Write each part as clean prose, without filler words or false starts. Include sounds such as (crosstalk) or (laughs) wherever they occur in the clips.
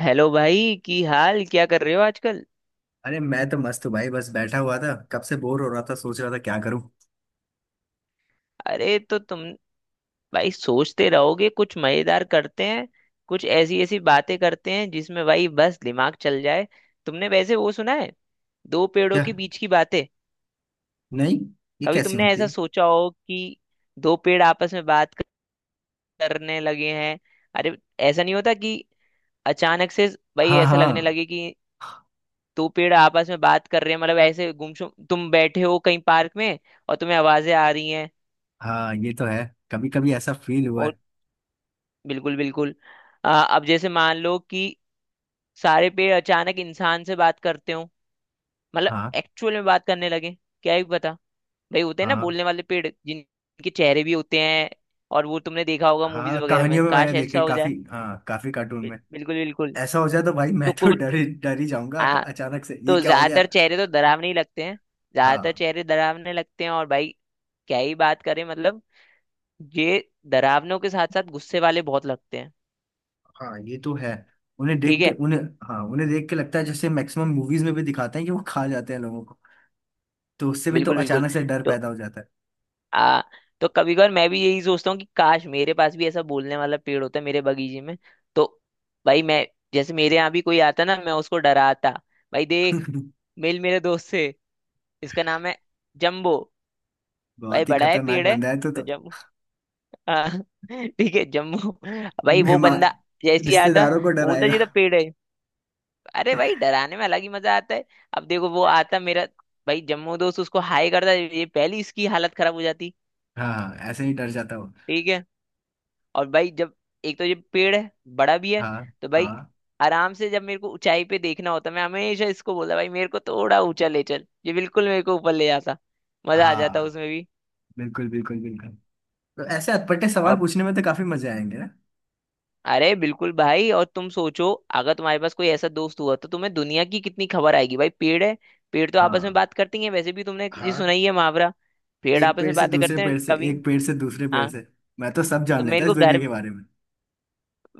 Hello भाई। की हाल क्या कर रहे हो आजकल? अरे मैं तो मस्त हूँ भाई। बस बैठा हुआ था, कब से बोर हो रहा था, सोच रहा था क्या करूँ। अरे तो तुम भाई सोचते रहोगे, कुछ मजेदार करते हैं। कुछ ऐसी ऐसी बातें करते हैं जिसमें भाई बस दिमाग चल जाए। तुमने वैसे वो सुना है, दो पेड़ों क्या? के बीच की बातें? नहीं। ये कभी कैसी तुमने होती ऐसा है? सोचा हो कि दो पेड़ आपस में बात करने लगे हैं? अरे ऐसा नहीं होता कि अचानक से भाई हाँ ऐसा लगने हाँ। लगे कि दो पेड़ आपस में बात कर रहे हैं, मतलब ऐसे गुमसुम तुम बैठे हो कहीं पार्क में और तुम्हें आवाजें आ रही हैं। हाँ ये तो है, कभी कभी ऐसा फील हुआ है। बिल्कुल बिल्कुल। अब जैसे मान लो कि सारे पेड़ अचानक इंसान से बात करते हो, मतलब हाँ एक्चुअल में बात करने लगे। क्या ही पता। भाई होते हैं ना हाँ। बोलने वाले पेड़ जिनके चेहरे भी होते हैं, और वो तुमने देखा होगा मूवीज हाँ वगैरह में। कहानियों में मैंने काश ऐसा देखे हो काफी, जाए। हाँ काफी कार्टून में। बिल्कुल बिल्कुल। ऐसा हो जाए तो भाई मैं तो तो कुछ डर ही जाऊंगा। आ, अचानक से ये तो क्या हो गया। ज्यादातर चेहरे तो डरावने ही लगते हैं। ज्यादातर हाँ चेहरे डरावने लगते हैं, और भाई क्या ही बात करें। मतलब ये डरावनों के साथ साथ गुस्से वाले बहुत लगते हैं। हाँ ये तो है। उन्हें ठीक देख के है। उन्हें। हाँ उन्हें देख के लगता है जैसे मैक्सिमम मूवीज में भी दिखाते हैं कि वो खा जाते हैं लोगों को। तो उससे भी तो बिल्कुल बिल्कुल। अचानक से डर तो पैदा हो जाता है। आ तो कभी कभार मैं भी यही सोचता हूँ कि काश मेरे पास भी ऐसा बोलने वाला पेड़ होता मेरे बगीचे में। तो भाई मैं जैसे मेरे यहाँ भी कोई आता ना, मैं उसको डराता। भाई देख, (laughs) मिल मेरे दोस्त से। इसका नाम है जम्बो। भाई बहुत ही बड़ा है, खतरनाक पेड़ है, बंदा है तो। तो जम्बो। हाँ, (laughs) ठीक है, जम्बो। भाई वो मेहमान बंदा जैसे ही आता, रिश्तेदारों को वो बोलता जी तो डराएगा। पेड़ है। अरे भाई डराने में अलग ही मजा आता है। अब देखो वो आता मेरा, भाई जम्बो दोस्त उसको हाय करता, ये पहली इसकी हालत खराब हो जाती। हाँ ऐसे ही डर जाता हूँ। ठीक है। और भाई जब एक तो ये पेड़ है, बड़ा भी है, हाँ तो भाई हाँ। आराम से जब मेरे को ऊंचाई पे देखना होता, मैं हमेशा इसको बोला भाई मेरे को थोड़ा ऊंचा ले चल, ये बिल्कुल मेरे को ऊपर ले जाता। मजा आ जाता हाँ उसमें भी। बिल्कुल बिल्कुल बिल्कुल। तो ऐसे अटपटे सवाल अब पूछने में तो काफी मजे आएंगे ना। अरे बिल्कुल भाई, और तुम सोचो अगर तुम्हारे पास कोई ऐसा दोस्त हुआ तो तुम्हें दुनिया की कितनी खबर आएगी। भाई पेड़ है, पेड़ तो आपस में हाँ बात करती है। वैसे भी तुमने ये सुना हाँ। ही है मुहावरा, पेड़ एक आपस पेड़ में से बातें दूसरे करते पेड़ हैं से, कभी। एक पेड़ से दूसरे पेड़ हाँ, से। मैं तो सब तो जान लेता मेरे इस को दुनिया घर, के बारे में।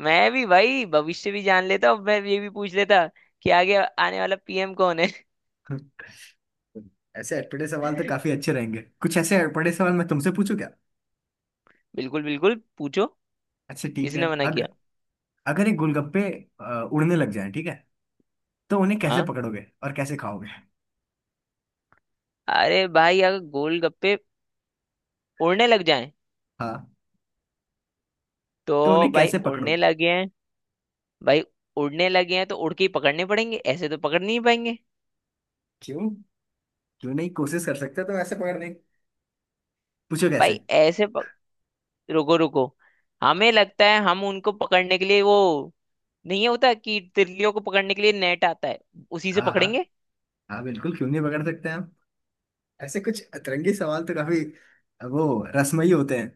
मैं भी भाई भविष्य भी जान लेता, और मैं ये भी पूछ लेता कि आगे आने वाला पीएम कौन है। (laughs) ऐसे अटपटे सवाल तो काफी अच्छे रहेंगे। कुछ ऐसे अटपटे सवाल मैं तुमसे पूछूं क्या? बिल्कुल बिल्कुल, पूछो, अच्छा ठीक है। किसने मना किया? अगर, अगर ये गोलगप्पे उड़ने लग जाएं ठीक है, तो उन्हें कैसे हाँ, पकड़ोगे और कैसे खाओगे? अरे भाई अगर गोलगप्पे उड़ने लग जाएं, हाँ, तो तो उन्हें भाई कैसे उड़ने पकड़ोगे? लगे हैं। भाई उड़ने लगे हैं तो उड़ के ही पकड़ने पड़ेंगे, ऐसे तो पकड़ नहीं पाएंगे। क्यों? क्यों नहीं कोशिश कर सकते तो ऐसे पकड़ने की। पूछो कैसे। भाई ऐसे पक... रुको रुको, हमें लगता है हम उनको पकड़ने के लिए वो, नहीं होता कि तितलियों को पकड़ने के लिए नेट आता है, उसी से हाँ हाँ। पकड़ेंगे। हाँ बिल्कुल, क्यों नहीं पकड़ सकते हैं हम। ऐसे कुछ अतरंगी सवाल तो काफी, वो रसमयी होते हैं।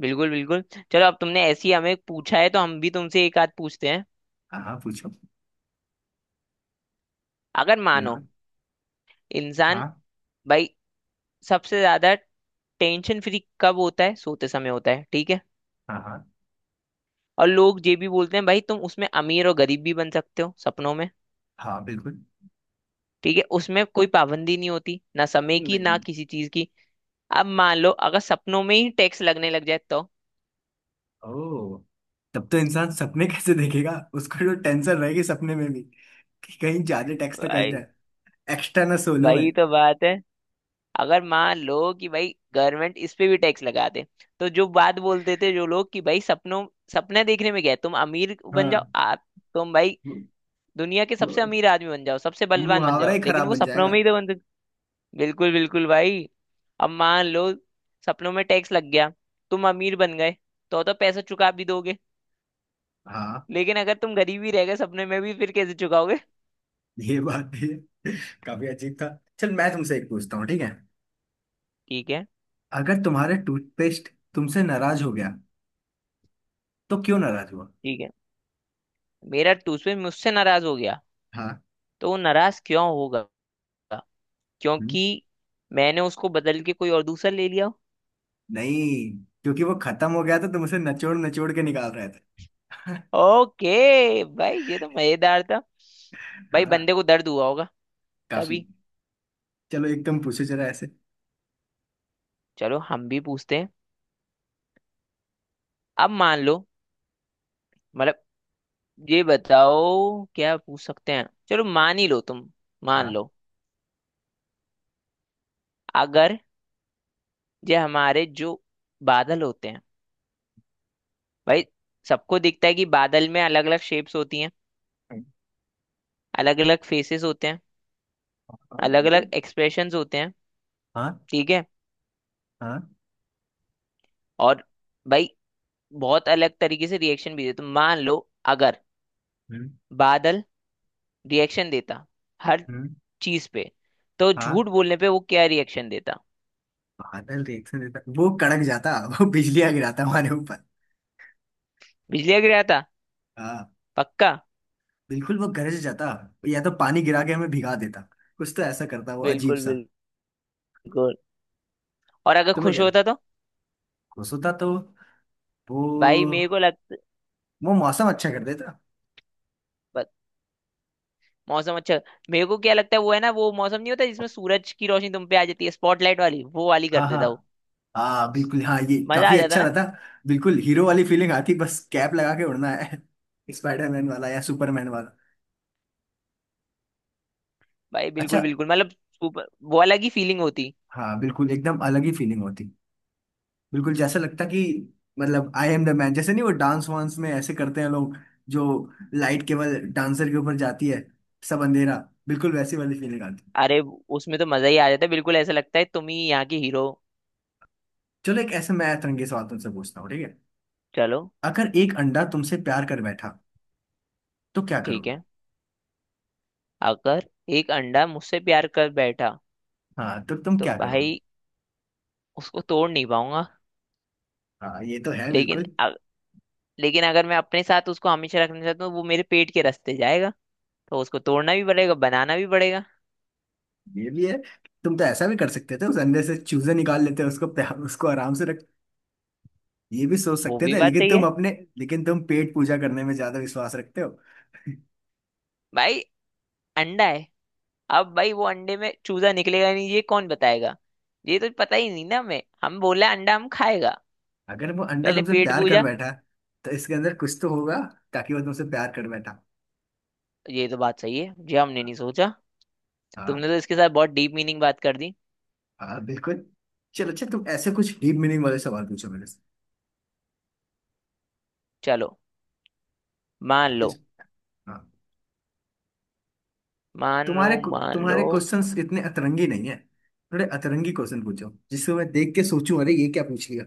बिल्कुल बिल्कुल। चलो अब तुमने ऐसी हमें पूछा है, तो हम भी तुमसे एक आध पूछते हैं। हाँ हाँ पूछो। अगर मानो बिल्कुल। इंसान हाँ। भाई सबसे ज्यादा टेंशन फ्री कब होता है? सोते समय होता है, ठीक है। हाँ हाँ। और लोग ये भी बोलते हैं भाई तुम उसमें अमीर और गरीब भी बन सकते हो सपनों में। हाँ बिल्कुल। ठीक है, उसमें कोई पाबंदी नहीं होती, ना समय नहीं की, ना नहीं। किसी चीज की। अब मान लो अगर सपनों में ही टैक्स लगने लग जाए तो? ओ। तब तो इंसान सपने कैसे देखेगा? उसको जो टेंशन रहेगी सपने में भी, कि कहीं ज्यादा टैक्स तो कस भाई जाए। एक्स्ट्रा ना सोलू है। वही तो बात है, अगर मान लो कि भाई गवर्नमेंट इस पे भी टैक्स लगा दे, तो जो बात बोलते थे जो लोग कि भाई सपनों, सपने देखने में गए तुम अमीर बन जाओ हाँ। आप, तुम भाई मु- दुनिया के मु- सबसे अमीर आदमी बन जाओ, सबसे बलवान बन मुहावरा जाओ, ही लेकिन खराब वो बन सपनों जाएगा। में ही तो बन। बिल्कुल बिल्कुल भाई। अब मान लो सपनों में टैक्स लग गया, तुम अमीर बन गए, तो पैसा चुका भी दोगे, हाँ लेकिन अगर तुम गरीब ही रह गए सपने में भी, फिर कैसे चुकाओगे? ये बात भी है। (laughs) काफी अजीब था। चल मैं तुमसे एक पूछता हूँ ठीक है। ठीक है। अगर तुम्हारा टूथपेस्ट तुमसे नाराज हो गया, तो क्यों नाराज हुआ? ठीक है, मेरा टूसवे मुझसे नाराज हो गया, हाँ। तो वो नाराज क्यों होगा? हम्म, क्योंकि मैंने उसको बदल के कोई और दूसरा ले लिया। नहीं। क्योंकि वो खत्म हो गया था, तुमसे नचोड़ नचोड़ के निकाल रहे थे। (laughs) ओके भाई, ये तो मजेदार था। भाई हाँ बंदे को दर्द हुआ होगा काफी। तभी। चलो एक तुम पूछो जरा ऐसे। चलो हम भी पूछते हैं। अब मान लो, मतलब ये बताओ क्या पूछ सकते हैं। चलो मान ही लो तुम, मान हाँ लो अगर ये हमारे जो बादल होते हैं भाई, सबको दिखता है कि बादल में अलग अलग शेप्स होती हैं, हाँ। अलग अलग फेसेस होते हैं, हाँ, अलग अलग बिल्कुल। एक्सप्रेशंस होते हैं, हाँ। ठीक है। हाँ। और भाई बहुत अलग तरीके से रिएक्शन भी देते, तो मान लो अगर हम्म। बादल रिएक्शन देता हर हम्म। चीज पे, तो हाँ। झूठ बोलने पे वो क्या रिएक्शन देता? बादल रिएक्शन देता, वो कड़क जाता। वो बिजलियां गिराता हमारे ऊपर। बिजली गिराता, हाँ। पक्का। बिल्कुल वो गरज जाता। या तो पानी गिरा के हमें भिगा देता। कुछ तो ऐसा करता वो अजीब बिल्कुल सा। बिल्कुल। और अगर तुम्हें खुश क्या लगता? होता तो? खुश होता तो, वो भाई मेरे को लगता वो मौसम अच्छा कर देता। मौसम अच्छा। मेरे को क्या लगता है, वो है ना वो मौसम नहीं होता जिसमें सूरज की रोशनी तुम पे आ जाती है, स्पॉटलाइट वाली, वो वाली कर हाँ हाँ। देता वो। हाँ बिल्कुल, हाँ ये मजा आ काफी जाता अच्छा ना। रहता। बिल्कुल हीरो वाली फीलिंग आती, बस कैप लगा के उड़ना है। (laughs) स्पाइडरमैन वाला या सुपरमैन वाला? भाई अच्छा। बिल्कुल बिल्कुल, मतलब super- वो अलग ही फीलिंग होती। हाँ बिल्कुल एकदम अलग ही फीलिंग होती। बिल्कुल जैसा लगता कि, मतलब आई एम द मैन जैसे। नहीं, वो डांस वांस में ऐसे करते हैं लोग, जो लाइट केवल डांसर के ऊपर जाती है, सब अंधेरा। बिल्कुल वैसी वाली फीलिंग आती। अरे उसमें तो मजा ही आ जाता है, बिल्कुल ऐसा लगता है तुम ही यहाँ की हीरो। चलो एक ऐसे मैं तिरंगे सवाल तुमसे पूछता हूँ ठीक है। चलो। अगर एक अंडा तुमसे प्यार कर बैठा तो क्या ठीक करोगे? है, अगर एक अंडा मुझसे प्यार कर बैठा, हाँ, तो तुम तो क्या करोगे? भाई उसको तोड़ नहीं पाऊंगा। हाँ ये तो है लेकिन बिल्कुल। अ- लेकिन अगर मैं अपने साथ उसको हमेशा रखना चाहता हूँ, वो मेरे पेट के रास्ते जाएगा, तो उसको तोड़ना भी पड़ेगा, बनाना भी पड़ेगा। ये भी है। तुम तो ऐसा भी कर सकते थे, उस अंदर से चूजे निकाल लेते, उसको उसको आराम से रख। ये भी सोच वो सकते भी थे, बात लेकिन सही तुम है। अपने, लेकिन तुम पेट पूजा करने में ज्यादा विश्वास रखते हो। (laughs) भाई अंडा है, अब भाई वो अंडे में चूजा निकलेगा नहीं, ये कौन बताएगा? ये तो पता ही नहीं ना हमें, हम बोला अंडा हम खाएगा, अगर वो अंडा पहले तुमसे पेट प्यार कर पूजा। बैठा, तो इसके अंदर कुछ तो होगा, ताकि वो तुमसे प्यार कर बैठा। ये तो बात सही है, ये हमने नहीं सोचा। तुमने हाँ। तो इसके साथ बहुत डीप मीनिंग बात कर दी। हाँ बिल्कुल। चलो अच्छा, तुम ऐसे कुछ डीप मीनिंग वाले सवाल पूछो मेरे से। चलो मान लो, इस- हाँ। मान लो, मान तुम्हारे लो। क्वेश्चंस इतने अतरंगी नहीं है, थोड़े अतरंगी क्वेश्चन पूछो जिसको मैं देख के सोचूं अरे ये क्या पूछ लिया,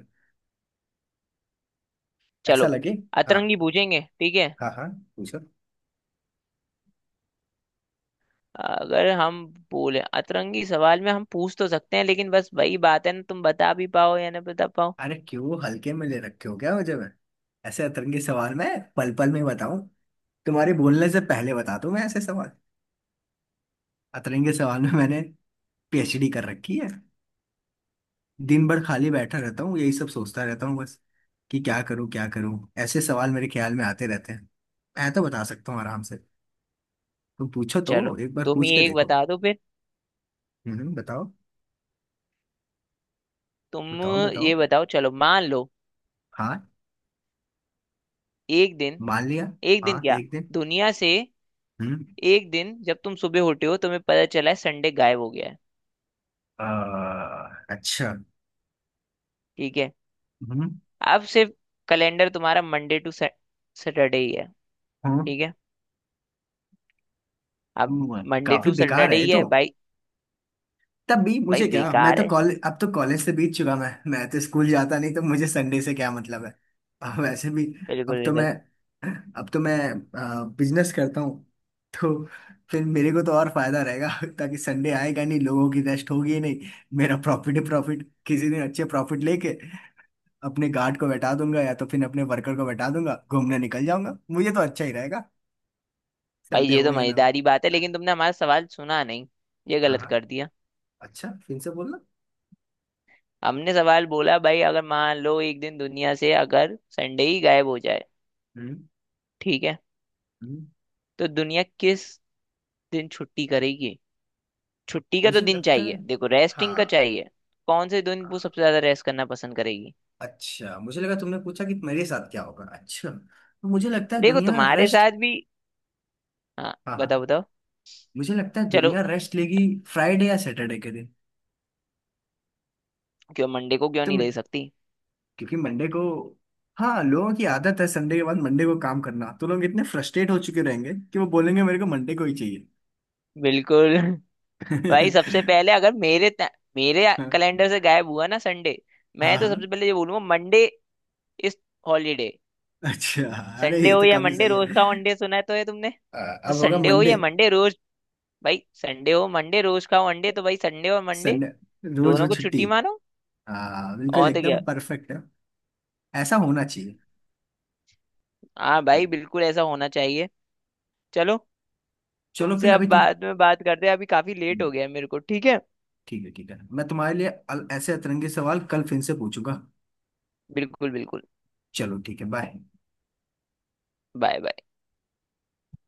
ऐसा चलो लगे। हाँ अतरंगी पूछेंगे, ठीक है। हाँ हाँ पूछो। अगर हम बोले अतरंगी सवाल में हम पूछ तो सकते हैं, लेकिन बस वही बात है ना, तुम बता भी पाओ या ना बता पाओ। अरे क्यों हल्के में ले रखे हो क्या मुझे? मैं ऐसे अतरंगी सवाल मैं पल पल में बताऊं, तुम्हारे बोलने से पहले बता दूं मैं ऐसे सवाल। अतरंगी सवाल में मैंने पीएचडी कर रखी है। दिन भर खाली बैठा रहता हूँ, यही सब सोचता रहता हूँ बस, कि क्या करूँ क्या करूँ। ऐसे सवाल मेरे ख्याल में आते रहते हैं। मैं तो बता सकता हूँ आराम से। तुम पूछो तो। चलो एक बार तुम पूछ ही के एक देखो। बता दो फिर। बताओ तुम बताओ ये बताओ। बताओ, चलो मान लो हाँ एक दिन, मान लिया। एक दिन हाँ क्या, एक दिन। दुनिया से, हम्म। एक दिन जब तुम सुबह उठे हो, तुम्हें पता चला है संडे गायब हो गया है। आ, अच्छा। ठीक है, हम्म। अब सिर्फ कैलेंडर तुम्हारा मंडे टू सैटरडे ही है, हाँ ठीक है। अब हुआ है। मंडे काफी टू बेकार सैटरडे है ये ही तो। है भाई। तब भी भाई मुझे क्या? मैं बेकार तो है। कॉलेज, अब तो कॉलेज से बीत चुका, मैं तो स्कूल जाता नहीं, तो मुझे संडे से क्या मतलब है। और वैसे भी, अब बिल्कुल तो मैं बिल्कुल। अब तो मैं बिजनेस करता हूँ, तो फिर मेरे को तो और फायदा रहेगा, ताकि संडे आएगा नहीं, लोगों की रेस्ट होगी ही नहीं। मेरा प्रॉफिट ही प्रॉफिट। किसी दिन अच्छे प्रॉफिट लेके अपने गार्ड को बैठा दूंगा, या तो फिर अपने वर्कर को बैठा दूंगा, घूमने निकल जाऊंगा, मुझे तो अच्छा ही रहेगा। भाई संडे ये हो तो या ना हो। मजेदारी बात है, लेकिन तुमने हमारा सवाल सुना नहीं, ये हाँ गलत हाँ। कर दिया। अच्छा फिर से बोलना। हमने सवाल बोला भाई अगर मान लो एक दिन दुनिया से अगर संडे ही गायब हो जाए, हम्म। ठीक है, हम्म। तो दुनिया किस दिन छुट्टी करेगी? छुट्टी का तो मुझे दिन लगता है। चाहिए, देखो रेस्टिंग का हाँ। चाहिए। कौन से दिन वो हाँ, सबसे ज्यादा रेस्ट करना पसंद करेगी? अच्छा मुझे लगा तुमने पूछा कि मेरे साथ क्या होगा। अच्छा तो मुझे लगता है देखो दुनिया तुम्हारे रेस्ट। साथ भी, हाँ हाँ हाँ। बताओ बताओ, मुझे लगता है चलो। दुनिया रेस्ट लेगी फ्राइडे या सैटरडे के दिन। क्यों मंडे को क्यों तो नहीं मैं, ले सकती? क्योंकि मंडे को, हाँ लोगों की आदत है संडे के बाद मंडे को काम करना, तो लोग इतने फ्रस्ट्रेट हो चुके रहेंगे कि वो बोलेंगे मेरे को मंडे को ही चाहिए। बिल्कुल (laughs) भाई सबसे पहले (laughs) अगर मेरे ता- मेरे कैलेंडर से गायब हुआ ना संडे, मैं हाँ तो हाँ। सबसे पहले ये बोलूंगा मंडे इस हॉलीडे। अच्छा। अरे संडे ये हो तो या काफी मंडे सही है। रोज खाओ अंडे, सुना है तो है तुमने। अ, तो अब होगा संडे हो मंडे। या मंडे रोज, भाई संडे हो मंडे रोज खाओ अंडे, तो भाई संडे और मंडे संडे रोज हो दोनों को छुट्टी। छुट्टी मानो। हाँ बिल्कुल और तो क्या। एकदम परफेक्ट है। ऐसा होना चाहिए। हाँ भाई बिल्कुल। बिल्कुल ऐसा होना चाहिए। चलो, चलो तुमसे फिर अभी अब तुम। बाद में बात करते हैं, अभी काफी लेट हो गया है मेरे को, ठीक है? ठीक है ठीक है। मैं तुम्हारे लिए ऐसे अतरंगी सवाल कल फिर से पूछूंगा। बिल्कुल बिल्कुल। चलो ठीक है बाय। Bye bye.